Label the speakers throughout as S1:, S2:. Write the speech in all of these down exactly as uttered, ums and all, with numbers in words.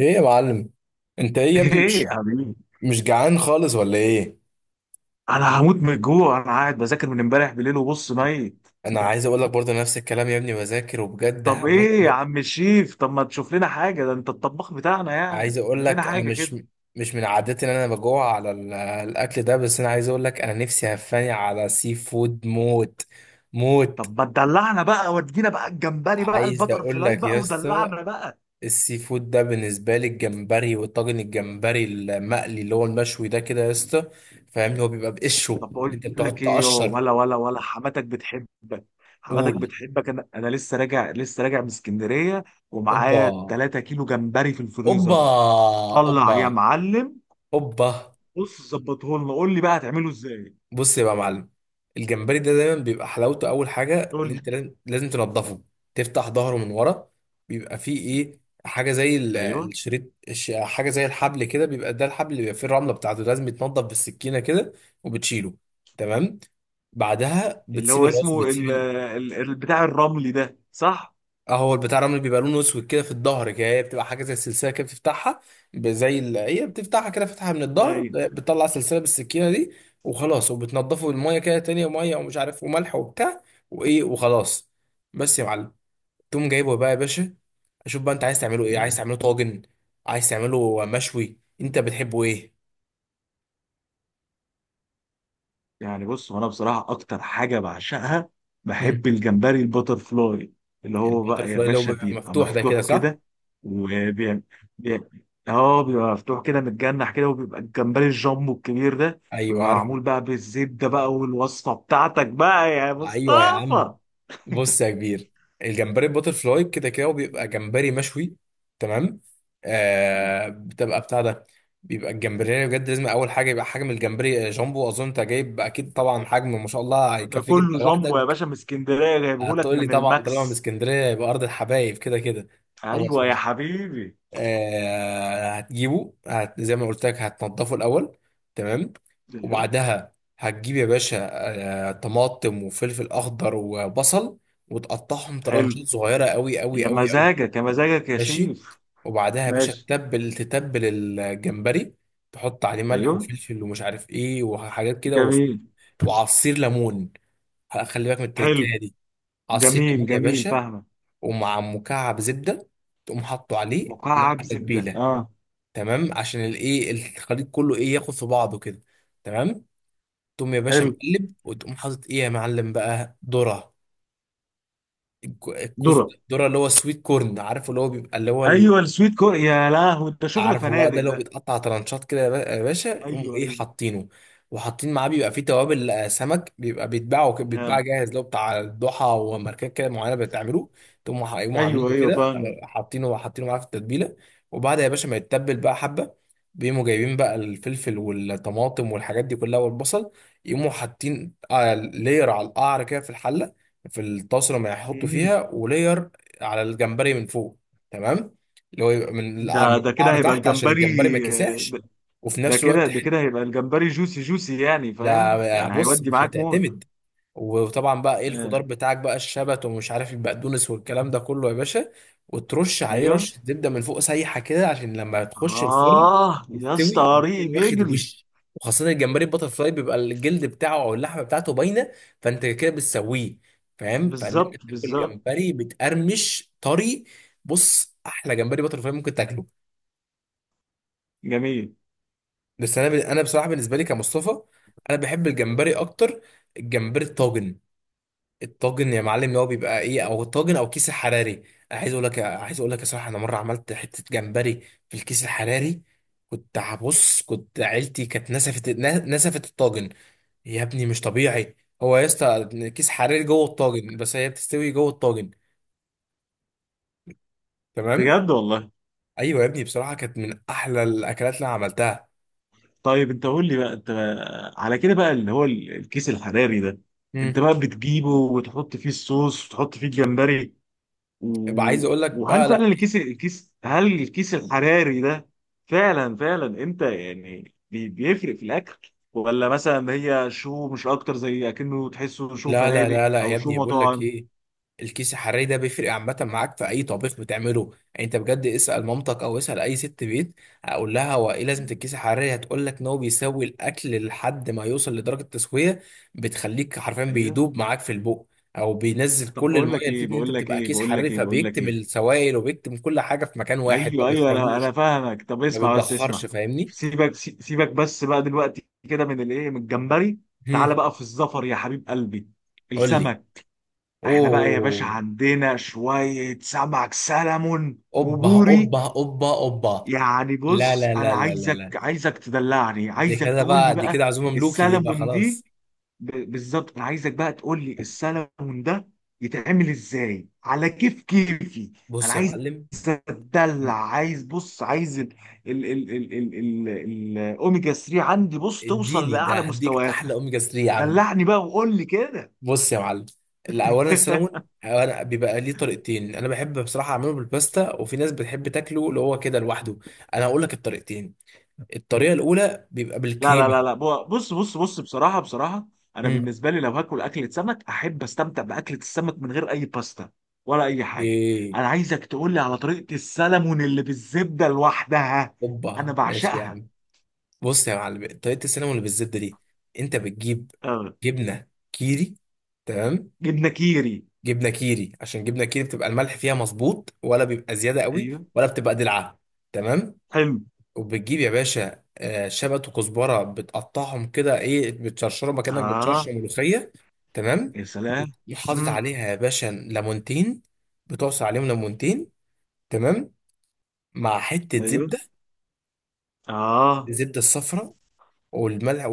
S1: ايه يا معلم. انت ايه يا ابني
S2: ايه
S1: مش
S2: يا حبيبي؟
S1: مش جعان خالص ولا ايه؟
S2: انا هموت من الجوع، انا قاعد بذاكر من امبارح بالليل وبص ميت.
S1: انا عايز اقول لك برضه نفس الكلام يا ابني، بذاكر وبجد
S2: طب
S1: هموت
S2: ايه يا
S1: و-
S2: عم الشيف؟ طب ما تشوف لنا حاجه، ده انت الطباخ بتاعنا يعني.
S1: عايز اقول
S2: اعمل لنا
S1: لك انا
S2: حاجه
S1: مش
S2: كده.
S1: مش من عادتي ان انا بجوع على ال- الاكل ده، بس انا عايز اقول لك انا نفسي هفاني على سي فود موت موت.
S2: طب ما تدلعنا بقى، ودينا بقى الجمبري بقى،
S1: عايز
S2: البتر
S1: اقول
S2: فلاي
S1: لك
S2: بقى
S1: يا اسطى،
S2: ودلعنا بقى.
S1: السي فود ده بالنسبه لي الجمبري، والطاجن، الجمبري المقلي اللي هو المشوي ده كده يا اسطى فاهمني، هو
S2: طيب.
S1: بيبقى بقشره
S2: طب
S1: اللي
S2: بقول
S1: انت بتقعد
S2: لك ايه يو،
S1: تقشر.
S2: ولا ولا ولا حماتك بتحبك، حماتك
S1: قول.
S2: بتحبك انا انا لسه راجع لسه راجع من اسكندريه،
S1: اوبا،
S2: ومعايا 3 كيلو جمبري في
S1: اوبا،
S2: الفريزر. طلع
S1: اوبا،
S2: يا معلم.
S1: اوبا.
S2: بص ظبطه لنا، قول لي بقى هتعمله ازاي؟
S1: بص يبقى يا معلم، الجمبري ده دايما بيبقى حلاوته اول حاجه اللي
S2: قول لي.
S1: انت لازم لازم تنضفه. تفتح ظهره من ورا، بيبقى فيه ايه، حاجه زي ال-
S2: ايوه.
S1: الشريط، الش- حاجه زي الحبل كده، بيبقى ده الحبل اللي بيبقى فيه الرمله بتاعته، لازم يتنضف بالسكينه كده وبتشيله. تمام. بعدها
S2: اللي
S1: بتسيب
S2: هو
S1: الراس
S2: اسمه ال...
S1: وبتسيب.
S2: ال... ال- بتاع الرملي ده، صح؟
S1: اه، هو البتاع الرمل بيبقى لونه اسود كده في الظهر كده، هي بتبقى حاجه زي السلسله كده بتفتحها، ب- زي ال... هي بتفتحها كده، فتحها من الظهر ب-
S2: ايوه.
S1: بتطلع سلسله بالسكينه دي، وخلاص. وبتنضفه بالميه كده، تانية ميه ومش عارف وملح وبتاع وايه، وخلاص. بس يا معلم تقوم جايبه بقى يا باشا. اشوف بقى، انت عايز تعمله ايه؟ عايز تعمله طاجن، عايز تعمله مشوي، انت بتحبه ايه؟
S2: يعني بص، وانا بصراحه اكتر حاجه بعشقها،
S1: امم.
S2: بحب الجمبري البتر فلاي، اللي هو
S1: البتر
S2: بقى يا
S1: فلاي اللي هو
S2: باشا
S1: بيبقى
S2: بيبقى
S1: مفتوح ده كده،
S2: مفتوح
S1: صح؟
S2: كده وبيعمل. اه، بيبقى مفتوح كده متجنح كده، وبيبقى الجمبري الجامبو الكبير ده
S1: ايوه
S2: بيبقى
S1: عارفه.
S2: معمول بقى بالزبده بقى، والوصفه بتاعتك بقى يا
S1: ايوه يا عم.
S2: مصطفى.
S1: بص يا كبير، الجمبري الباتر فلاي كده كده هو بيبقى جمبري مشوي. تمام.
S2: آه.
S1: آه، بتبقى بتاع ده، بيبقى الجمبري يعني بجد لازم اول حاجه يبقى حجم الجمبري آه، جامبو. اظن انت جايب اكيد طبعا حجم ما شاء الله
S2: ده
S1: هيكفيك
S2: كله
S1: انت
S2: جامبو يا
S1: لوحدك.
S2: باشا، من اسكندريه جايبهولك
S1: هتقول لي
S2: من
S1: طبعا طالما من
S2: الماكس.
S1: اسكندريه يبقى ارض الحبايب كده كده. خلاص
S2: ايوه يا
S1: ماشي.
S2: حبيبي.
S1: آه هتجيبه، هت زي ما قلت لك هتنضفه الاول. تمام.
S2: ايوه.
S1: وبعدها هتجيب يا باشا آه طماطم وفلفل اخضر وبصل، وتقطعهم
S2: حلو.
S1: ترانشات صغيره قوي قوي
S2: يا
S1: قوي قوي.
S2: مزاجك يا مزاجك يا
S1: ماشي.
S2: شيف.
S1: وبعدها يا باشا
S2: ماشي.
S1: تتبل تتبل الجمبري، تحط عليه ملح
S2: ايوه.
S1: وفلفل ومش عارف ايه وحاجات كده وص-
S2: جميل.
S1: وعصير ليمون، خلي بالك من
S2: حلو.
S1: التركايه دي، عصير
S2: جميل
S1: ليمون يا
S2: جميل،
S1: باشا،
S2: فاهمة.
S1: ومع مكعب زبده. تقوم حاطه عليه مع
S2: مكعب زبدة،
S1: تتبيله.
S2: اه.
S1: تمام، عشان الايه الخليط كله ايه ياخد في بعضه كده. تمام. تقوم يا باشا
S2: حلو.
S1: مقلب، وتقوم حاطط ايه يا معلم بقى ذره، الك- الكوس.
S2: ذرة.
S1: ذره اللي هو السويت كورن، عارف اللي هو بيبقى اللي هو ال-
S2: ايوه، السويت كور، يا لهوي ده شغل
S1: عارفه بقى، ده
S2: فنادق
S1: لو
S2: ده.
S1: بيتقطع ترانشات كده يا با- يا باشا، يقوموا
S2: ايوه،
S1: ايه
S2: ايوه.
S1: حاطينه، وحاطين معاه بيبقى فيه توابل، آه، سمك بيبقى بيتباعوا ك- بيتباع
S2: ده.
S1: جاهز، لو بتاع الضحى وماركات كده معينه بتعملوه. تقوموا ح- يقوموا
S2: ايوه
S1: عاملينه
S2: ايوه
S1: كده،
S2: فاهم.
S1: آه، حاطينه حاطينه معاه في التتبيله. وبعد يا باشا ما يتبل بقى حبه، بيقوموا جايبين بقى الفلفل والطماطم والحاجات دي كلها والبصل، يقوموا حاطين آه، لير على القعر كده في الحله، في الطاسه اللي هيحطوا
S2: مم.
S1: فيها، ولير على الجمبري من فوق. تمام. اللي هو يبقى من القع-
S2: ده
S1: من
S2: ده كده
S1: القعر
S2: هيبقى
S1: تحت عشان
S2: الجمبري
S1: الجمبري ما يتلسعش.
S2: ده.
S1: وفي
S2: ده
S1: نفس
S2: كده
S1: الوقت
S2: ده
S1: حت-
S2: كده هيبقى الجمبري جوسي جوسي يعني، فاهم
S1: يا
S2: يعني،
S1: بص
S2: هيودي
S1: مش
S2: معاك موت.
S1: هتعتمد. وطبعا بقى ايه
S2: آه.
S1: الخضار بتاعك بقى، الشبت ومش عارف البقدونس والكلام ده كله يا باشا، وترش عليه
S2: ايوه.
S1: رشة زبدة من فوق سايحة كده عشان لما تخش الفرن
S2: اه يا اسطى،
S1: يستوي
S2: طريق
S1: يكون واخد
S2: بيجري.
S1: وش. وخاصة الجمبري البتر فلاي بيبقى الجلد بتاعه او اللحمة بتاعته باينة، فانت كده بتسويه فاهم، فاللي انت
S2: بالظبط
S1: بتاكل
S2: بالظبط.
S1: جمبري بتقرمش طري. بص، احلى جمبري بتر فلاي ممكن تاكله.
S2: جميل.
S1: بس انا ب... انا بصراحه بالنسبه لي كمصطفى انا بحب الجمبري اكتر، الجمبري الطاجن. الطاجن يا معلم اللي هو بيبقى ايه، او الطاجن او كيس الحراري. عايز اقول لك، عايز اقول لك يا صراحه انا مره عملت حته جمبري في الكيس الحراري، كنت هبص، كنت عيلتي كانت نسفت ن- نسفت الطاجن، يا ابني مش طبيعي. هو يا اسطى كيس حراري جوه الطاجن، بس هي بتستوي جوه الطاجن. تمام.
S2: بجد والله.
S1: ايوه يا ابني بصراحه كانت من احلى الاكلات اللي انا عملتها.
S2: طيب انت قول لي بقى، انت على كده بقى اللي هو ال- الكيس الحراري ده، انت
S1: امم.
S2: بقى بتجيبه وتحط فيه الصوص وتحط فيه الجمبري و...
S1: يبقى عايز اقول لك
S2: وهل
S1: بقى،
S2: فعلا
S1: لا
S2: الكيس الكيس هل الكيس الحراري ده فعلا فعلا، انت يعني بي- بيفرق في الاكل، ولا مثلا هي شو مش اكتر، زي اكنه تحسه شو
S1: لا لا
S2: فنادق
S1: لا لا
S2: او
S1: يا
S2: شو
S1: ابني، بقول لك
S2: مطاعم؟
S1: ايه، الكيس الحراري ده بيفرق عامة معاك في أي طبيخ بتعمله، يعني أنت بجد اسأل مامتك أو اسأل أي ست بيت، أقول لها هو إيه لازمة الكيس الحراري، هتقول لك إن هو بيسوي الأكل لحد ما يوصل لدرجة تسوية، بتخليك حرفيا
S2: ايوه.
S1: بيدوب معاك في البق، أو بينزل
S2: طب
S1: كل
S2: بقول
S1: المية
S2: لك
S1: اللي
S2: ايه
S1: فيك، إن أنت
S2: بقول لك
S1: بتبقى
S2: ايه
S1: كيس
S2: بقول
S1: حراري
S2: لك ايه بقول لك
S1: فبيكتم
S2: ايه
S1: السوائل وبيكتم كل حاجة في مكان واحد ما
S2: ايوه ايوه، انا
S1: بيخرجوش،
S2: انا فاهمك. طب
S1: ما
S2: اسمع، بس
S1: بيتدخرش،
S2: اسمع.
S1: فاهمني؟
S2: سيبك سي- سيبك بس بقى دلوقتي كده، من الايه، من الجمبري،
S1: هم،
S2: تعالى بقى في الزفر يا حبيب قلبي.
S1: قول لي.
S2: السمك. احنا بقى يا باشا
S1: أوه.
S2: عندنا شوية سمك سلمون
S1: اوبا،
S2: وبوري.
S1: اوبا، اوبا، اوبا.
S2: يعني
S1: لا
S2: بص،
S1: لا
S2: انا
S1: لا لا لا لا،
S2: عايزك عايزك تدلعني،
S1: دي
S2: عايزك
S1: كده
S2: تقول لي
S1: بقى، دي
S2: بقى
S1: كده عزومه ملوكي دي بقى
S2: السلمون
S1: خلاص.
S2: دي، ب- بالظبط. انا عايزك بقى تقول لي السلمون ده يتعمل ازاي على كيف كيفي. انا
S1: بص يا
S2: عايز
S1: معلم،
S2: اتدلع، عايز بص، عايز ال ال ال ال ال ال ال- الاوميجا ثري عندي بص توصل
S1: اديني ده
S2: لاعلى
S1: هديك احلى
S2: مستوياتها.
S1: اوميجا ثلاثة يا عم.
S2: دلعني بقى وقول لي كده.
S1: بص يا معلم، الاولا السلمون، أنا بيبقى ليه طريقتين، انا بحب بصراحه اعمله بالباستا، وفي ناس بتحب تاكله اللي هو كده لوحده، انا هقول لك الطريقتين. الطريقه الاولى بيبقى
S2: لا لا
S1: بالكريمه.
S2: لا لا، بو- بص بص بص، بصراحة بصراحة، أنا
S1: امم.
S2: بالنسبة لي لو هاكل أكلة سمك أحب أستمتع بأكلة السمك من غير أي باستا ولا أي حاجة.
S1: ايه.
S2: أنا عايزك تقول لي على طريقة السلمون اللي بالزبدة لوحدها، أنا
S1: اوبا ماشي يا
S2: بعشقها.
S1: عم. بص يا معلم، طريقة السينما اللي بالزبدة دي انت بتجيب
S2: أه.
S1: جبنة كيري. تمام.
S2: جبنة كيري.
S1: جبنة كيري عشان جبنة كيري بتبقى الملح فيها مظبوط، ولا بيبقى زيادة قوي
S2: أيوه.
S1: ولا بتبقى دلعة. تمام.
S2: حلو.
S1: وبتجيب يا باشا آه، شبت وكزبرة، بتقطعهم كده ايه بتشرشرهم كأنك بتشرشر
S2: آه.
S1: ملوخية. تمام.
S2: يا سلام.
S1: وتقوم حاطط
S2: امم.
S1: عليها يا باشا ليمونتين، بتعصر عليهم ليمونتين. تمام. مع حتة
S2: أيوه.
S1: زبدة،
S2: آه.
S1: الزبدة الصفراء، والملح،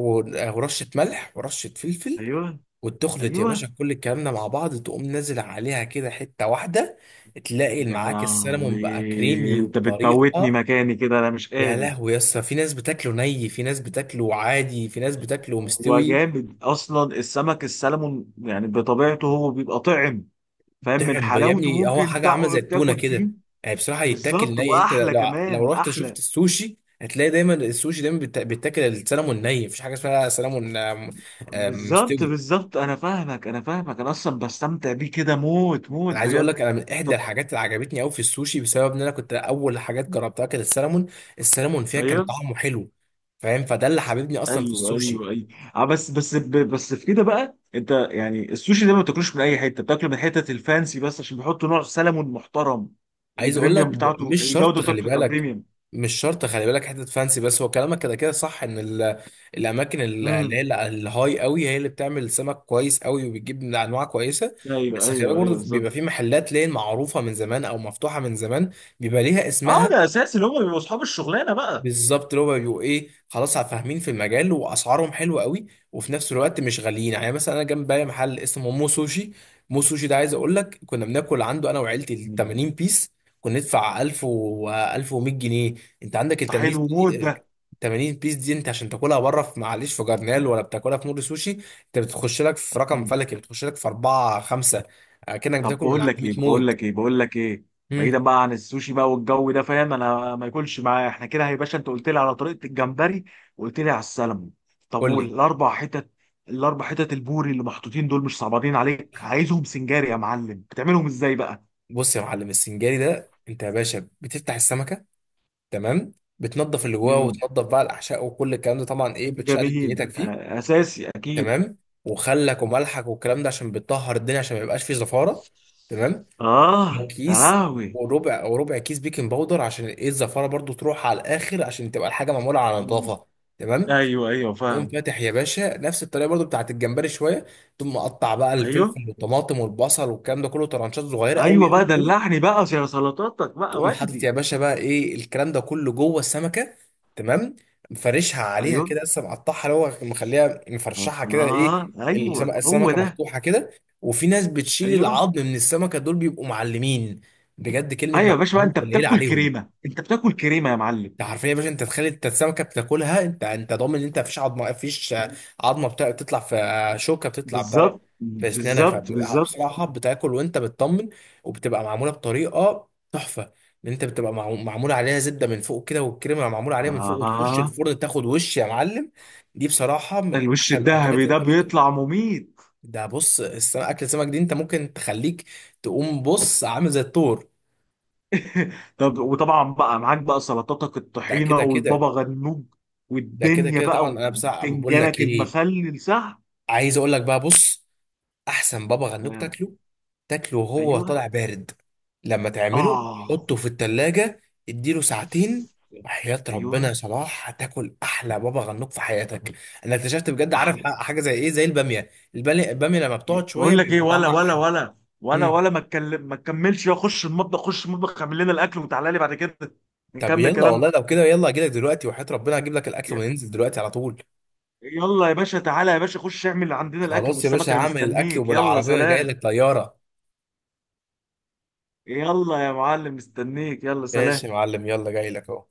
S1: ورشة ملح ورشة فلفل،
S2: أيوه.
S1: وتخلط يا باشا
S2: أيوه.
S1: كل الكلام ده مع بعض، تقوم نازل عليها كده حتة واحدة، تلاقي
S2: دي على،
S1: معاك السلمون بقى كريمي
S2: أنت بتموتني
S1: وبطريقة.
S2: مكاني كده، أنا مش
S1: يا
S2: قادر.
S1: لهوي يا اسطى، في ناس بتاكله ني، في ناس بتاكله عادي، في ناس بتاكله
S2: هو
S1: مستوي.
S2: جامد اصلا السمك السلمون، يعني بطبيعته هو بيبقى طعم، فاهم؟ من
S1: طعم يا
S2: حلاوته
S1: ابني، هو
S2: ممكن
S1: حاجة عاملة زي
S2: تقعد
S1: التونة
S2: تاكل فيه.
S1: كده، يعني بصراحة يتاكل
S2: بالظبط،
S1: ني، انت
S2: واحلى
S1: لو، لو
S2: كمان
S1: رحت شفت
S2: احلى.
S1: السوشي هتلاقي دايما السوشي دايما بيتا- بيتاكل السلمون ني، مفيش حاجة اسمها سلمون آم، آم،
S2: بالظبط
S1: مستوي.
S2: بالظبط، انا فاهمك انا فاهمك، انا اصلا بستمتع بيه كده موت موت
S1: انا عايز اقول
S2: بجد.
S1: لك انا من احدى
S2: طب.
S1: الحاجات اللي عجبتني قوي في السوشي بسبب ان انا كنت اول حاجات جربتها كانت السلمون، السلمون فيها كان
S2: ايوه
S1: طعمه حلو، فاهم، فده اللي حببني اصلا في
S2: ايوه
S1: السوشي.
S2: ايوه ايوه. آه، بس بس ب- بس في كده بقى، انت يعني السوشي ده ما بتاكلوش من اي حته، بتاكله من حتة الفانسي بس، عشان بيحطوا نوع سلمون محترم،
S1: عايز اقول لك
S2: البريميوم
S1: ب-
S2: بتاعته،
S1: مش شرط
S2: الجوده بتاعته
S1: خلي
S2: بتبقى
S1: بالك، مش شرط خلي بالك حته فانسي بس، هو كلامك كده كده صح ان ال- الاماكن ال- اللي
S2: بريميوم.
S1: هي ال- الهاي قوي هي اللي بتعمل سمك كويس قوي وبتجيب من انواع كويسه.
S2: ايوه
S1: بس خلي بالك
S2: ايوه ايوه،
S1: برضه بيبقى
S2: بالظبط.
S1: في محلات لين معروفه من زمان او مفتوحه من زمان بيبقى ليها
S2: اه
S1: اسمها.
S2: ده اساسي، اللي هم بيبقوا اصحاب الشغلانه بقى.
S1: بالظبط اللي هو بيبقوا ايه خلاص فاهمين في المجال، واسعارهم حلوه قوي وفي نفس الوقت مش غاليين. يعني مثلا انا جنبي محل اسمه مو سوشي، مو سوشي ده عايز اقول لك كنا بناكل عنده انا وعيلتي ال
S2: مم.
S1: 80 بيس، كنا ندفع ألف و ألف ومية جنيه. انت عندك ال
S2: طب
S1: تمانين
S2: حلو موت
S1: بيس،
S2: ده.
S1: تمانين بيس دي انت عشان تاكلها بره في معلش في جرنال ولا بتاكلها في نور سوشي انت بتخش لك في رقم
S2: مم.
S1: فلكي، بتخش لك في أربعة خمسة كأنك
S2: طب
S1: بتاكل من
S2: بقول
S1: عند
S2: لك
S1: مية
S2: ايه بقول
S1: موت.
S2: لك ايه بقول لك ايه، بعيدا
S1: امم.
S2: بقى عن السوشي بقى والجو ده، فاهم؟ انا ما ياكلش معايا احنا كده. يا باشا انت قلت لي على طريقه الجمبري، وقلت لي على السلمون، طب
S1: قول لي.
S2: والاربع حتت؟ الاربع حتت البوري اللي محطوطين دول، مش صعبانين عليك؟ عايزهم سنجاري يا معلم، بتعملهم ازاي بقى؟
S1: بص يا معلم، السنجاري ده انت يا باشا بتفتح السمكه. تمام. بتنظف اللي جواه، مم.
S2: امم.
S1: وتنظف بقى الاحشاء وكل الكلام ده طبعا ايه بتشقلب
S2: جميل.
S1: دنيتك فيه.
S2: آه، اساسي اكيد.
S1: تمام. وخلك وملحك والكلام ده عشان بتطهر الدنيا عشان ما يبقاش فيه زفاره. تمام.
S2: اه
S1: وكيس،
S2: قهوي.
S1: وربع وربع كيس بيكنج باودر عشان ايه الزفاره برضو تروح على الاخر عشان تبقى الحاجه معموله على نظافه. تمام.
S2: ايوه ايوه
S1: تقوم
S2: فاهم.
S1: فاتح يا باشا نفس الطريقه برضو بتاعت الجمبري شويه. تقوم مقطع بقى
S2: ايوه
S1: الفلفل والطماطم والبصل والكلام ده كله طرنشات صغيره قوي
S2: ايوه
S1: قوي
S2: بقى،
S1: قوي.
S2: دلعني بقى يا سلطاتك بقى
S1: تقوم حاطط يا
S2: ودي.
S1: باشا بقى ايه الكلام ده كله جوه السمكه. تمام. مفرشها عليها
S2: ايوه.
S1: كده لسه مقطعها، اللي هو مخليها مفرشحها كده
S2: اه
S1: ايه،
S2: ايوه،
S1: السمكه
S2: هو
S1: السمكه
S2: ده.
S1: مفتوحه كده. وفي ناس بتشيل
S2: ايوه
S1: العظم من السمكه دول بيبقوا معلمين، بجد كلمه
S2: ايوه يا باشا بقى،
S1: معلمين
S2: انت
S1: قليله
S2: بتاكل
S1: عليهم.
S2: كريمه، انت بتاكل كريمه يا معلم.
S1: ده حرفيا يا باشا انت تخيل انت السمكه بتاكلها انت، انت ضامن ان انت مفيش عظمه، مفيش عظمه بتا- بتطلع في آه، شوكه بتطلع بتاع ده
S2: بالظبط
S1: في اسنانك،
S2: بالظبط بالظبط.
S1: فبصراحه بتاكل وانت بتطمن. وبتبقى معموله بطريقه تحفه ان انت بتبقى معمو- معمول عليها زبده من فوق كده والكريمه معمول عليها من فوق، وتخش
S2: اه،
S1: الفرن تاخد وش يا معلم. دي بصراحه من
S2: الوش
S1: احلى الاكلات
S2: الذهبي
S1: اللي
S2: ده
S1: انت ممكن.
S2: بيطلع مميت.
S1: ده بص الس- اكل السمك دي انت ممكن تخليك، تقوم بص عامل زي الطور.
S2: طب وطبعا بقى معاك بقى سلطاتك
S1: ده كده
S2: الطحينه
S1: كده.
S2: والبابا غنوج
S1: ده كده
S2: والدنيا
S1: كده
S2: بقى،
S1: طبعا، انا بصراحه بقول لك
S2: وبتنجانك
S1: ايه،
S2: المخلل، صح؟
S1: عايز اقول لك بقى بص، احسن بابا غنوج
S2: آه.
S1: تاكله، تاكله وهو
S2: ايوه.
S1: طالع بارد، لما تعمله
S2: اه.
S1: حطه في التلاجة، اديله ساعتين، وحياة ربنا يا
S2: ايوه.
S1: صلاح هتاكل احلى بابا غنوج في حياتك. انا اكتشفت بجد عارف،
S2: احلى.
S1: ح- حاجة زي ايه، زي البامية، البامية البامية لما بتقعد شوية
S2: بقول لك ايه،
S1: بيبقى
S2: ولا
S1: طعمها
S2: ولا
S1: احلى.
S2: ولا ولا
S1: مم.
S2: ولا ما اتكلم، ما تكملش يا، خش المطبخ خش المطبخ، اعمل لنا الاكل وتعالى لي بعد كده
S1: طب
S2: نكمل
S1: يلا
S2: كلامنا.
S1: والله لو كده، يلا اجيلك دلوقتي، وحياة ربنا هجيب لك الاكل
S2: ي-
S1: وننزل دلوقتي على طول.
S2: يلا يا باشا، تعالى يا باشا، خش اعمل عندنا الاكل
S1: خلاص يا
S2: والسمك،
S1: باشا
S2: انا
S1: هعمل الاكل
S2: مستنيك، يلا
S1: وبالعربية جاي
S2: سلام.
S1: لك طيارة.
S2: يلا يا معلم، مستنيك، يلا
S1: ماشي
S2: سلام.
S1: يا معلم يلا جاي لك اهو.